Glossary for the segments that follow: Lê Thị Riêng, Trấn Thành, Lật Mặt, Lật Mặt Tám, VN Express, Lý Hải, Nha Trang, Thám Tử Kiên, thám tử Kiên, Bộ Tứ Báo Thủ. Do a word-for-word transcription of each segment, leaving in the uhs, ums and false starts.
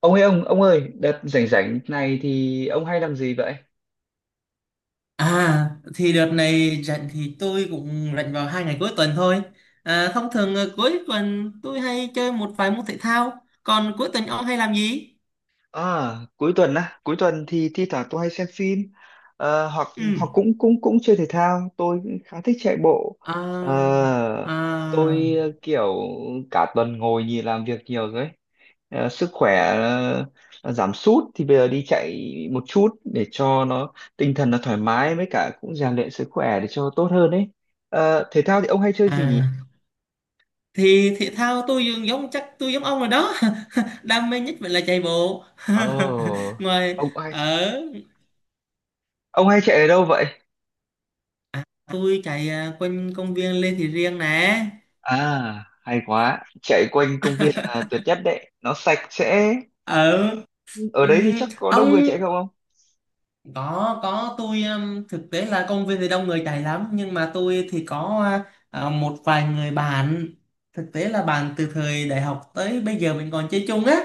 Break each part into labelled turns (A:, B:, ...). A: Ông ơi ông, ông ơi, đợt rảnh rảnh này thì ông hay làm gì vậy?
B: À thì đợt này rảnh thì tôi cũng rảnh vào hai ngày cuối tuần thôi. À, thông thường ờ, cuối tuần tôi hay chơi một vài môn thể thao. Còn cuối tuần ông hay làm gì?
A: À, cuối tuần á, cuối tuần thì thi thoảng tôi hay xem phim, ờ, hoặc
B: Ừ.
A: hoặc cũng cũng cũng chơi thể thao, tôi khá thích chạy bộ.
B: À,
A: Ờ,
B: à,
A: tôi, ờ, kiểu, cả tuần ngồi nhìn làm việc nhiều rồi ấy. Ờ, sức khỏe ờ, giảm sút thì bây giờ đi chạy một chút để cho nó tinh thần nó thoải mái, với cả cũng rèn luyện sức khỏe để cho tốt hơn ấy. Ờ, thể thao thì ông hay chơi gì
B: à.
A: nhỉ?
B: Thì thể thao tôi dường giống chắc tôi giống ông rồi đó. Đam mê nhất vẫn là chạy bộ.
A: Ồ, oh,
B: Ngoài
A: ông hay
B: ở
A: Ông hay chạy ở đâu vậy?
B: Tôi chạy à, quanh công viên Lê Thị Riêng nè.
A: À, hay quá. Chạy quanh công viên là tuyệt nhất đấy. Nó sạch sẽ.
B: Ở
A: Ở đấy
B: ừ,
A: thì chắc có đông
B: ông
A: người chạy không ông?
B: có có tôi um, thực tế là công viên thì đông người chạy lắm, nhưng mà tôi thì có à, một vài người bạn, thực tế là bạn từ thời đại học tới bây giờ mình còn chơi chung á,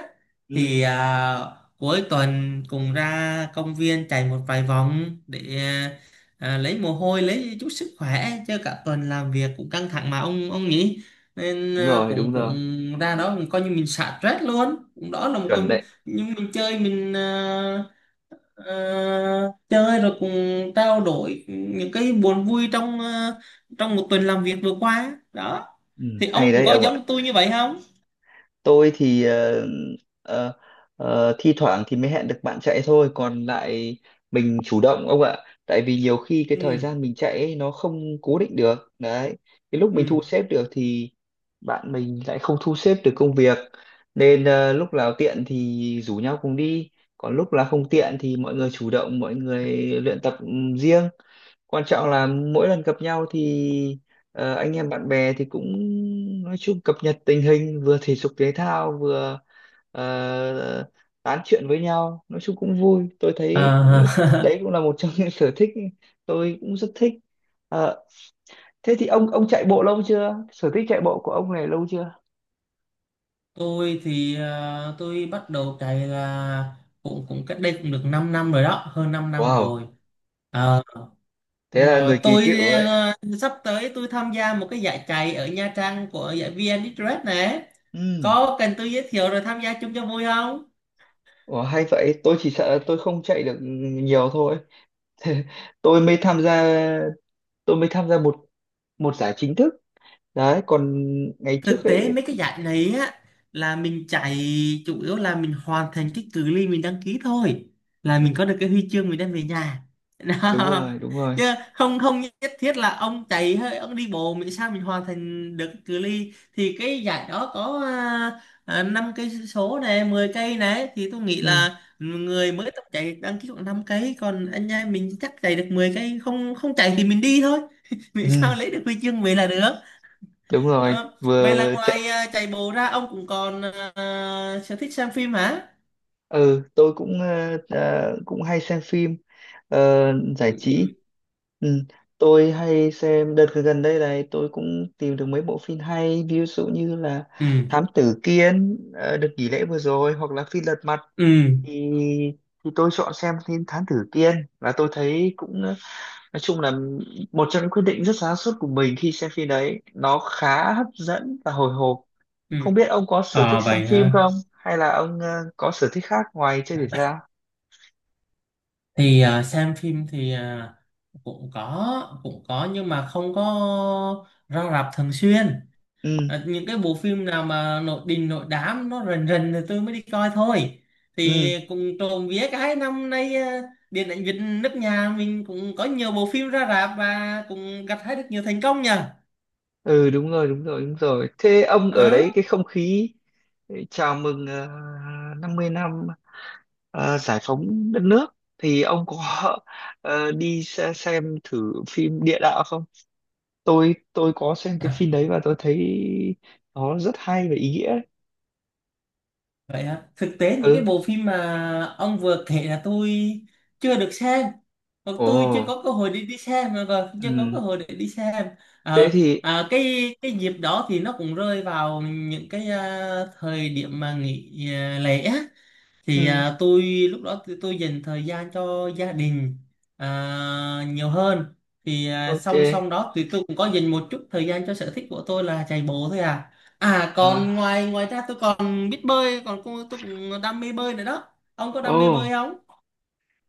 A: Ừ,
B: thì à, cuối tuần cùng ra công viên chạy một vài vòng để à, lấy mồ hôi, lấy chút sức khỏe chứ cả tuần làm việc cũng căng thẳng mà, ông ông nhỉ. nên
A: đúng
B: à,
A: rồi, đúng
B: cũng cũng
A: rồi.
B: ra đó coi như mình xả stress luôn, cũng đó là một
A: Chuẩn
B: con
A: đấy.
B: nhưng mình chơi mình à, Ờ, chơi rồi cùng trao đổi những cái buồn vui trong ờ, trong một tuần làm việc vừa qua đó.
A: Ừ,
B: Thì
A: hay
B: ông cũng
A: đấy
B: có
A: ông ạ.
B: giống tôi như vậy không?
A: Tôi thì, ờ, ờ, ờ, thi thoảng thì mới hẹn được bạn chạy thôi, còn lại mình chủ động ông ạ. Tại vì nhiều khi cái thời
B: ừ
A: gian mình chạy ấy, nó không cố định được đấy. Cái lúc mình
B: ừ
A: thu xếp được thì bạn mình lại không thu xếp được công việc, nên, ờ, lúc nào tiện thì rủ nhau cùng đi, còn lúc là không tiện thì mọi người chủ động mọi người luyện tập. Ừ, riêng quan trọng là mỗi lần gặp nhau thì, ờ, anh em bạn bè thì cũng, nói chung, cập nhật tình hình, vừa thể dục thể thao, vừa, ờ, tán chuyện với nhau, nói chung cũng vui tôi thấy.
B: À,
A: Đấy cũng là một trong những sở thích tôi cũng rất thích. Ờ, Thế thì ông ông chạy bộ lâu chưa, sở thích chạy bộ của ông này lâu chưa?
B: tôi thì ờ, tôi bắt đầu chạy là cũng cũng cách đây cũng được 5 năm rồi đó, hơn 5 năm
A: Wow,
B: rồi. Ờ,
A: thế
B: Đúng
A: là
B: rồi
A: người kỳ
B: tôi,
A: cựu đấy.
B: ờ, sắp tới tôi tham gia một cái giải chạy ở Nha Trang của giải VN Express này.
A: Ừ.
B: Có cần tôi giới thiệu rồi tham gia chung cho vui không?
A: Ủa, hay vậy, tôi chỉ sợ là tôi không chạy được nhiều thôi. Tôi mới tham gia tôi mới tham gia một một giải chính thức đấy, còn ngày trước
B: Thực tế
A: ấy.
B: mấy cái giải này á, là mình chạy chủ yếu là mình hoàn thành cái cự ly mình đăng ký thôi, là mình có được cái huy chương mình đem về nhà.
A: Đúng rồi,
B: Đó.
A: đúng rồi.
B: Chứ không không nhất thiết là ông chạy hơi ông đi bộ, mình sao mình hoàn thành được cái cự ly thì cái giải đó có, à, năm cây số này, mười cây này, thì tôi nghĩ
A: Ừ,
B: là người mới tập chạy đăng ký khoảng năm cây, còn anh em mình chắc chạy được mười cây, không không chạy thì mình đi thôi. Mình
A: ừ,
B: sao lấy được huy chương về là được.
A: đúng rồi,
B: Ờ, Vậy là
A: vừa chạy.
B: ngoài à, chạy bộ ra ông cũng còn à, sở thích xem phim hả?
A: Ừ, tôi cũng, ờ, ờ, cũng hay xem phim, ờ, giải
B: Ừ.
A: trí. Ừ, tôi hay xem đợt gần đây này, tôi cũng tìm được mấy bộ phim hay, ví dụ như là
B: Ừ.
A: Thám Tử Kiên, ờ, đợt nghỉ lễ vừa rồi, hoặc là phim Lật Mặt,
B: Ừ.
A: thì thì tôi chọn xem phim Thám Tử Kiên, và tôi thấy cũng, ờ, nói chung là một trong những quyết định rất sáng suốt của mình. Khi xem phim đấy, nó khá hấp dẫn và hồi hộp.
B: Ừ.
A: Không biết ông có sở
B: Ờ
A: thích xem
B: vậy
A: phim
B: hả?
A: không, hay là ông, ờ, có sở thích khác ngoài chơi thể thao?
B: Thì à, xem phim thì à, cũng có cũng có nhưng mà không có ra rạp thường xuyên.
A: Ừ,
B: À, những cái bộ phim nào mà nội đình nội đám nó rần rần thì tôi mới đi coi thôi. Thì
A: ừ,
B: cũng trộm vía cái năm nay, à, điện ảnh Việt nước nhà mình cũng có nhiều bộ phim ra rạp và cũng gặt hái được nhiều thành công nhờ.
A: ừ, đúng rồi, đúng rồi, đúng rồi. Thế ông ở
B: Ờ.
A: đấy, cái không khí, ờ, chào mừng, ờ, năm mươi năm ờ, giải phóng đất nước, thì ông có, ờ, đi xe- xem thử phim Địa Đạo không? Tôi tôi có xem cái
B: À,
A: phim đấy và tôi thấy nó rất hay và ý nghĩa.
B: vậy hả? Thực tế những cái
A: Ừ.
B: bộ phim mà ông vừa kể là tôi chưa được xem, hoặc tôi chưa có
A: Ồ,
B: cơ hội để đi xem, mà còn chưa có
A: ừ.
B: cơ hội để đi xem.
A: Thế
B: Ờ,
A: thì,
B: à, cái cái dịp đó thì nó cũng rơi vào những cái à, thời điểm mà nghỉ à, lễ á, thì
A: ừ,
B: à, tôi lúc đó tôi, tôi dành thời gian cho gia đình à, nhiều hơn. Thì à,
A: ok.
B: song song đó thì tôi cũng có dành một chút thời gian cho sở thích của tôi là chạy bộ thôi à. À
A: À,
B: còn ngoài ngoài ra tôi còn biết bơi, còn cô- tôi cũng đam mê bơi nữa đó. Ông có
A: ồ,
B: đam mê bơi không?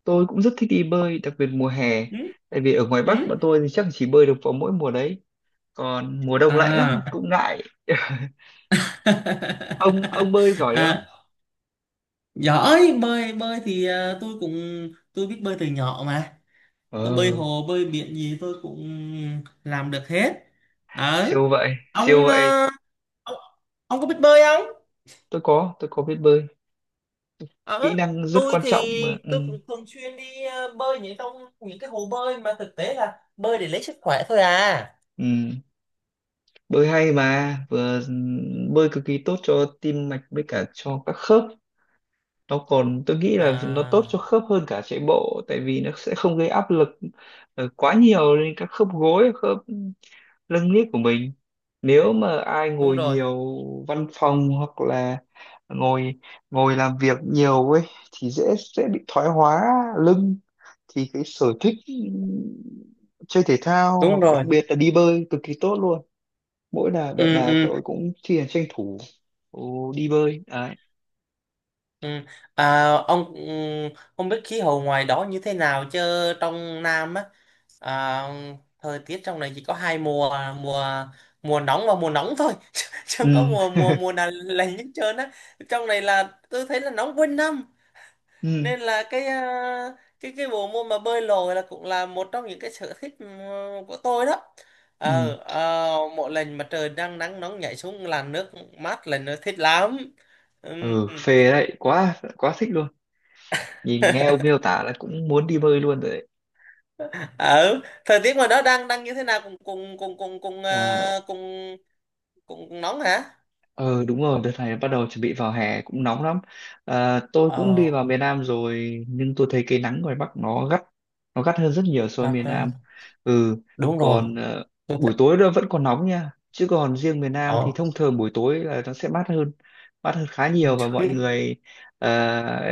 A: tôi cũng rất thích đi bơi, đặc biệt mùa hè.
B: Ừ?
A: Tại vì ở ngoài Bắc
B: Ừ?
A: bọn tôi thì chắc chỉ bơi được vào mỗi mùa đấy. Còn mùa đông lạnh lắm,
B: à
A: cũng ngại. Ông ông bơi giỏi không?
B: à Giỏi bơi, bơi thì à, tôi cũng tôi biết bơi từ nhỏ mà. Tôi bơi
A: Ờ,
B: hồ bơi biển gì tôi cũng làm được hết. ở
A: siêu vậy, siêu
B: ông
A: vậy.
B: ờ, ông ông có biết bơi không?
A: Tôi có, tôi có biết bơi. Kỹ
B: ở
A: năng rất
B: tôi
A: quan
B: thì
A: trọng mà. Ừ,
B: tôi cũng thường xuyên đi ờ, bơi những trong những cái hồ bơi mà thực tế là bơi để lấy sức khỏe thôi à.
A: ừ. Bơi hay mà, vừa bơi cực kỳ tốt cho tim mạch, với cả cho các khớp. Nó còn, tôi nghĩ là nó tốt cho
B: à
A: khớp hơn cả chạy bộ, tại vì nó sẽ không gây áp lực, ờ, quá nhiều lên các khớp gối, khớp lưng niết của mình. Nếu mà ai
B: Đúng
A: ngồi
B: rồi,
A: nhiều văn phòng, hoặc là ngồi ngồi làm việc nhiều ấy, thì dễ, dễ bị thoái hóa lưng, thì cái sở thích chơi thể thao,
B: đúng
A: hoặc đặc
B: rồi.
A: biệt là đi bơi, cực kỳ tốt luôn. Mỗi là đợt
B: ừ
A: nào
B: ừ
A: tôi cũng thi hành, tranh thủ, ồ, đi bơi đấy.
B: Ừ. À, ông ừ, không biết khí hậu ngoài đó như thế nào chứ trong Nam á, à, thời tiết trong này chỉ có hai mùa, mùa mùa nóng và mùa nóng thôi chứ chứ
A: Ừ,
B: không có mùa mùa mùa nào lạnh hết trơn á. Trong này là tôi thấy là nóng quanh năm,
A: ừ,
B: nên là cái à, cái cái bộ môn mà bơi lội là cũng là một trong những cái sở thích ừ, của tôi đó. Ờ
A: ừ,
B: ờ, mỗi lần mà trời đang nắng nóng nhảy xuống làn nước mát là nó thích lắm. Ừ.
A: ừ, phê đấy, quá quá thích luôn. Nhìn nghe ông miêu tả là cũng muốn đi bơi luôn rồi đấy.
B: Ừ thời tiết ngoài đó đang đang như thế nào cùng cùng cùng cùng cùng
A: À,
B: ờ, cùng cùng, cùng nóng hả?
A: Ờ đúng rồi, đợt này bắt đầu chuẩn bị vào hè cũng nóng lắm. À, tôi cũng đi
B: Ờ,
A: vào miền Nam rồi, nhưng tôi thấy cái nắng ngoài Bắc nó gắt, nó gắt hơn rất nhiều so với
B: bác,
A: miền
B: ờ,
A: Nam. Ừ,
B: Đúng rồi.
A: còn, ờ,
B: Tôi
A: buổi
B: thấy,
A: tối nó vẫn còn nóng nha. Chứ còn riêng miền Nam thì
B: ờ.
A: thông thường buổi tối là nó sẽ mát hơn, mát hơn khá nhiều, và mọi người, ờ,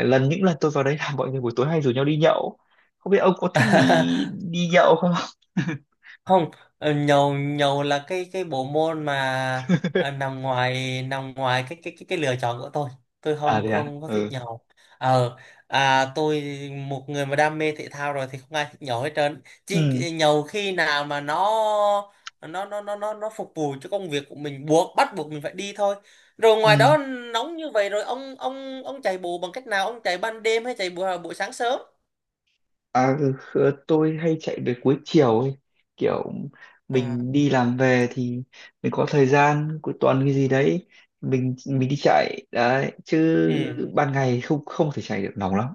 A: lần những lần tôi vào đấy, là mọi người buổi tối hay rủ nhau đi nhậu. Không biết ông có thích đi đi nhậu không?
B: Không, ờ, nhầu nhầu là cái cái bộ môn mà ờ, nằm ngoài nằm ngoài cái cái cái cái lựa chọn của tôi. Tôi
A: À
B: không
A: thế à?
B: không có thích
A: Ừ.
B: nhầu. ờ à, tôi một người mà đam mê thể thao rồi thì không ai thích nhầu hết trơn, chỉ
A: Ừ.
B: nhầu khi nào mà nó nó nó nó nó nó phục vụ cho công việc của mình, buộc bắt buộc mình phải đi thôi. Rồi ngoài
A: Ừ.
B: đó nóng như vậy rồi ông ông ông chạy bộ bằng cách nào, ông chạy ban đêm hay chạy buổi buổi sáng sớm?
A: À, ừ, khờ- tôi hay chạy về cuối chiều ấy. Kiểu
B: à
A: mình đi làm về thì mình có thời gian cuối tuần cái gì đấy, mình mình đi chạy đấy chứ.
B: ừ
A: Ban ngày không không thể chạy được, nóng lắm.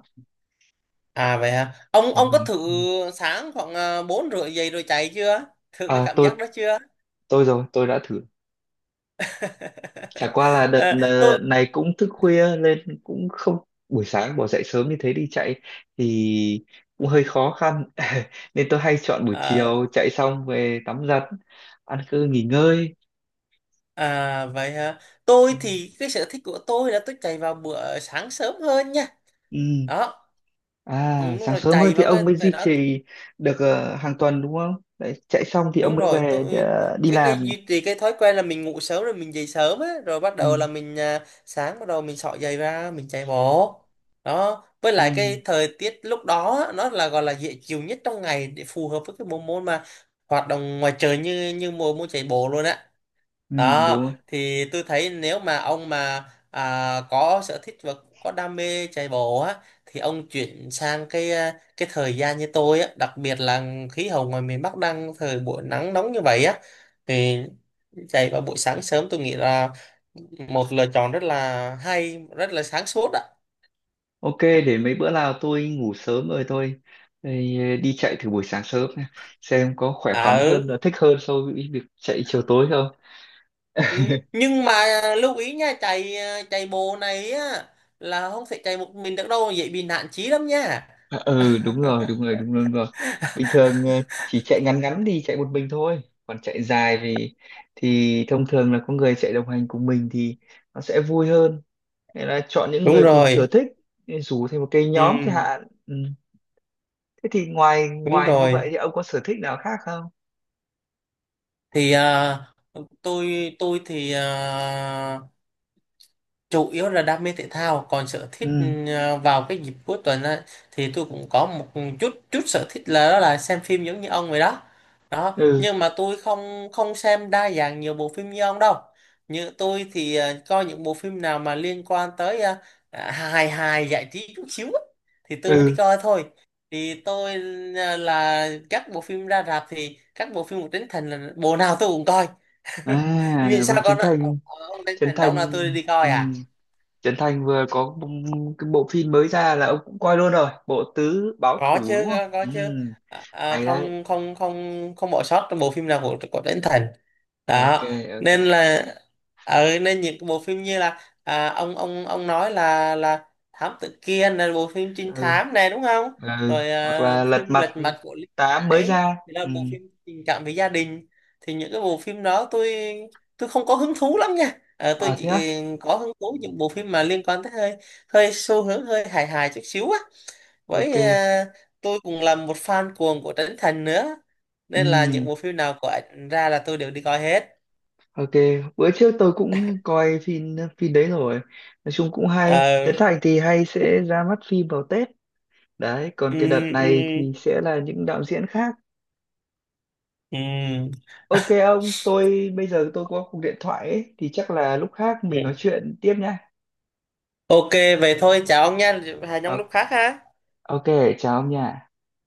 B: À vậy hả? Ông
A: Đúng
B: ông có
A: rồi,
B: thử
A: đúng rồi.
B: sáng khoảng à, bốn rưỡi dậy rồi chạy chưa? Thử cái
A: À,
B: cảm
A: tôi
B: giác đó chưa?
A: tôi rồi, tôi đã thử. Chả qua là đợt,
B: Ờ,
A: ờ,
B: tôi
A: này cũng thức khuya, nên cũng không buổi sáng bỏ dậy sớm như thế đi chạy thì cũng hơi khó khăn. Nên tôi hay chọn buổi
B: ờ,
A: chiều, chạy xong về tắm giặt, ăn cơm, nghỉ ngơi.
B: à, Vậy hả?
A: Ừ.
B: Tôi thì cái sở thích của tôi là tôi chạy vào bữa sáng sớm hơn nha.
A: Ừ.
B: Đó,
A: À,
B: ừ, đúng
A: sáng
B: rồi,
A: sớm hơn
B: chạy
A: thì
B: vào cái
A: ông mới
B: thời
A: duy
B: đó
A: trì được, ờ, hàng tuần đúng không? Đấy, chạy xong thì ông
B: đúng
A: mới
B: rồi.
A: về để,
B: Tôi
A: ờ, đi
B: cái cái
A: làm.
B: duy trì cái thói quen là mình ngủ sớm rồi mình dậy sớm á, rồi bắt
A: Ừ,
B: đầu là mình à, sáng bắt đầu mình xỏ giày ra mình chạy bộ đó. Với lại
A: ừ,
B: cái thời tiết lúc đó á, nó là gọi là dễ chịu nhất trong ngày để phù hợp với cái bộ môn mà hoạt động ngoài trời như như mùa môn chạy bộ luôn á.
A: ừ, đúng
B: Đó,
A: rồi.
B: thì tôi thấy nếu mà ông mà à, có sở thích và có đam mê chạy bộ á, thì ông chuyển sang cái à, cái thời gian như tôi á, đặc biệt là khí hậu ngoài miền Bắc đang thời buổi nắng nóng như vậy á, thì chạy vào buổi sáng sớm tôi nghĩ là một lựa chọn rất là hay, rất là sáng suốt á.
A: Ok, để mấy bữa nào tôi ngủ sớm rồi tôi thì, ờ, đi chạy thử buổi sáng sớm nha. Xem có khỏe
B: À,
A: khoắn hơn,
B: ừ.
A: và thích hơn so với việc chạy chiều tối không.
B: Ừ, nhưng mà lưu ý nha, chạy à, chạy bộ này á là không thể chạy một mình được đâu, dễ bị nạn chí lắm nha.
A: À, ừ, đúng rồi, đúng rồi, đúng rồi, đúng rồi. Bình thường, ờ, chỉ chạy ngắn ngắn thì chạy một mình thôi. Còn chạy dài thì thì thông thường là có người chạy đồng hành cùng mình thì nó sẽ vui hơn. Nghĩa là chọn những
B: Đúng
A: người cùng
B: rồi.
A: sở thích, rủ thêm một cái nhóm chẳng
B: Ừ.
A: hạn. Ừ. Thế thì ngoài
B: Đúng
A: ngoài như vậy
B: rồi.
A: thì ông có sở thích nào khác không?
B: Thì à, tôi tôi thì à, chủ yếu là đam mê thể thao, còn sở thích
A: Ừ,
B: ờ, vào cái dịp cuối tuần á, thì tôi cũng có một chút chút sở thích là đó là xem phim giống như ông vậy đó. Đó
A: ừ,
B: nhưng mà tôi không không xem đa dạng nhiều bộ phim như ông đâu. Như tôi thì ờ, coi những bộ phim nào mà liên quan tới ờ, à, hài hài giải trí chút xíu á, thì tôi mới đi
A: ừ,
B: coi thôi. Thì tôi ờ, là các bộ phim ra rạp thì các bộ phim của Trấn Thành là bộ nào tôi cũng coi.
A: à,
B: vì sao
A: vừa Trấn
B: con
A: Thành.
B: ờ, ông Trấn
A: Trấn
B: Thành đóng
A: Thành
B: là tôi đi coi
A: ừ.
B: à.
A: Trấn Thành vừa có b- cái bộ phim mới ra là ông cũng coi luôn rồi, Bộ Tứ Báo
B: Có
A: Thủ,
B: chứ,
A: đúng không?
B: có, có
A: Ừ,
B: chứ. À, à,
A: hay đấy.
B: không không không không bỏ sót trong bộ phim nào của của Trấn Thành
A: Ok,
B: đó.
A: ok.
B: Nên là ở nên những cái bộ phim như là à, ông ông ông nói là là thám tử Kiên là bộ phim trinh
A: Ừ,
B: thám này đúng không?
A: ừ,
B: Rồi
A: hoặc
B: à,
A: là Lật
B: phim
A: Mặt
B: Lật Mặt của Lý
A: Tám
B: Hải
A: mới ra.
B: thì là
A: Ừ,
B: bộ phim tình cảm về gia đình, thì những cái bộ phim đó tôi tôi không có hứng thú lắm nha. Ờ,
A: à
B: tôi chỉ
A: thế á.
B: ừ, có hứng thú những bộ phim mà liên quan tới hơi hơi xu hướng hơi hài hài chút xíu á,
A: Ok.
B: với à, tôi cũng là một fan cuồng của Trấn Thành nữa, nên là những
A: Ừ.
B: bộ phim nào của ảnh ra là tôi đều đi coi hết.
A: Ok, bữa trước tôi cũng coi phim phim đấy rồi. Nói chung cũng hay.
B: Ờ,
A: Trấn Thành thì hay sẽ ra mắt phim vào Tết. Đấy, còn cái đợt
B: ừm,
A: này
B: ừm,
A: thì sẽ là những đạo diễn khác.
B: ừm.
A: Ok ông, tôi bây giờ tôi có cuộc điện thoại ấy, thì chắc là lúc khác mình nói chuyện tiếp nha.
B: Ok, vậy thôi chào ông nha, hẹn ông
A: Ờ,
B: lúc khác ha.
A: Ok, chào ông nha.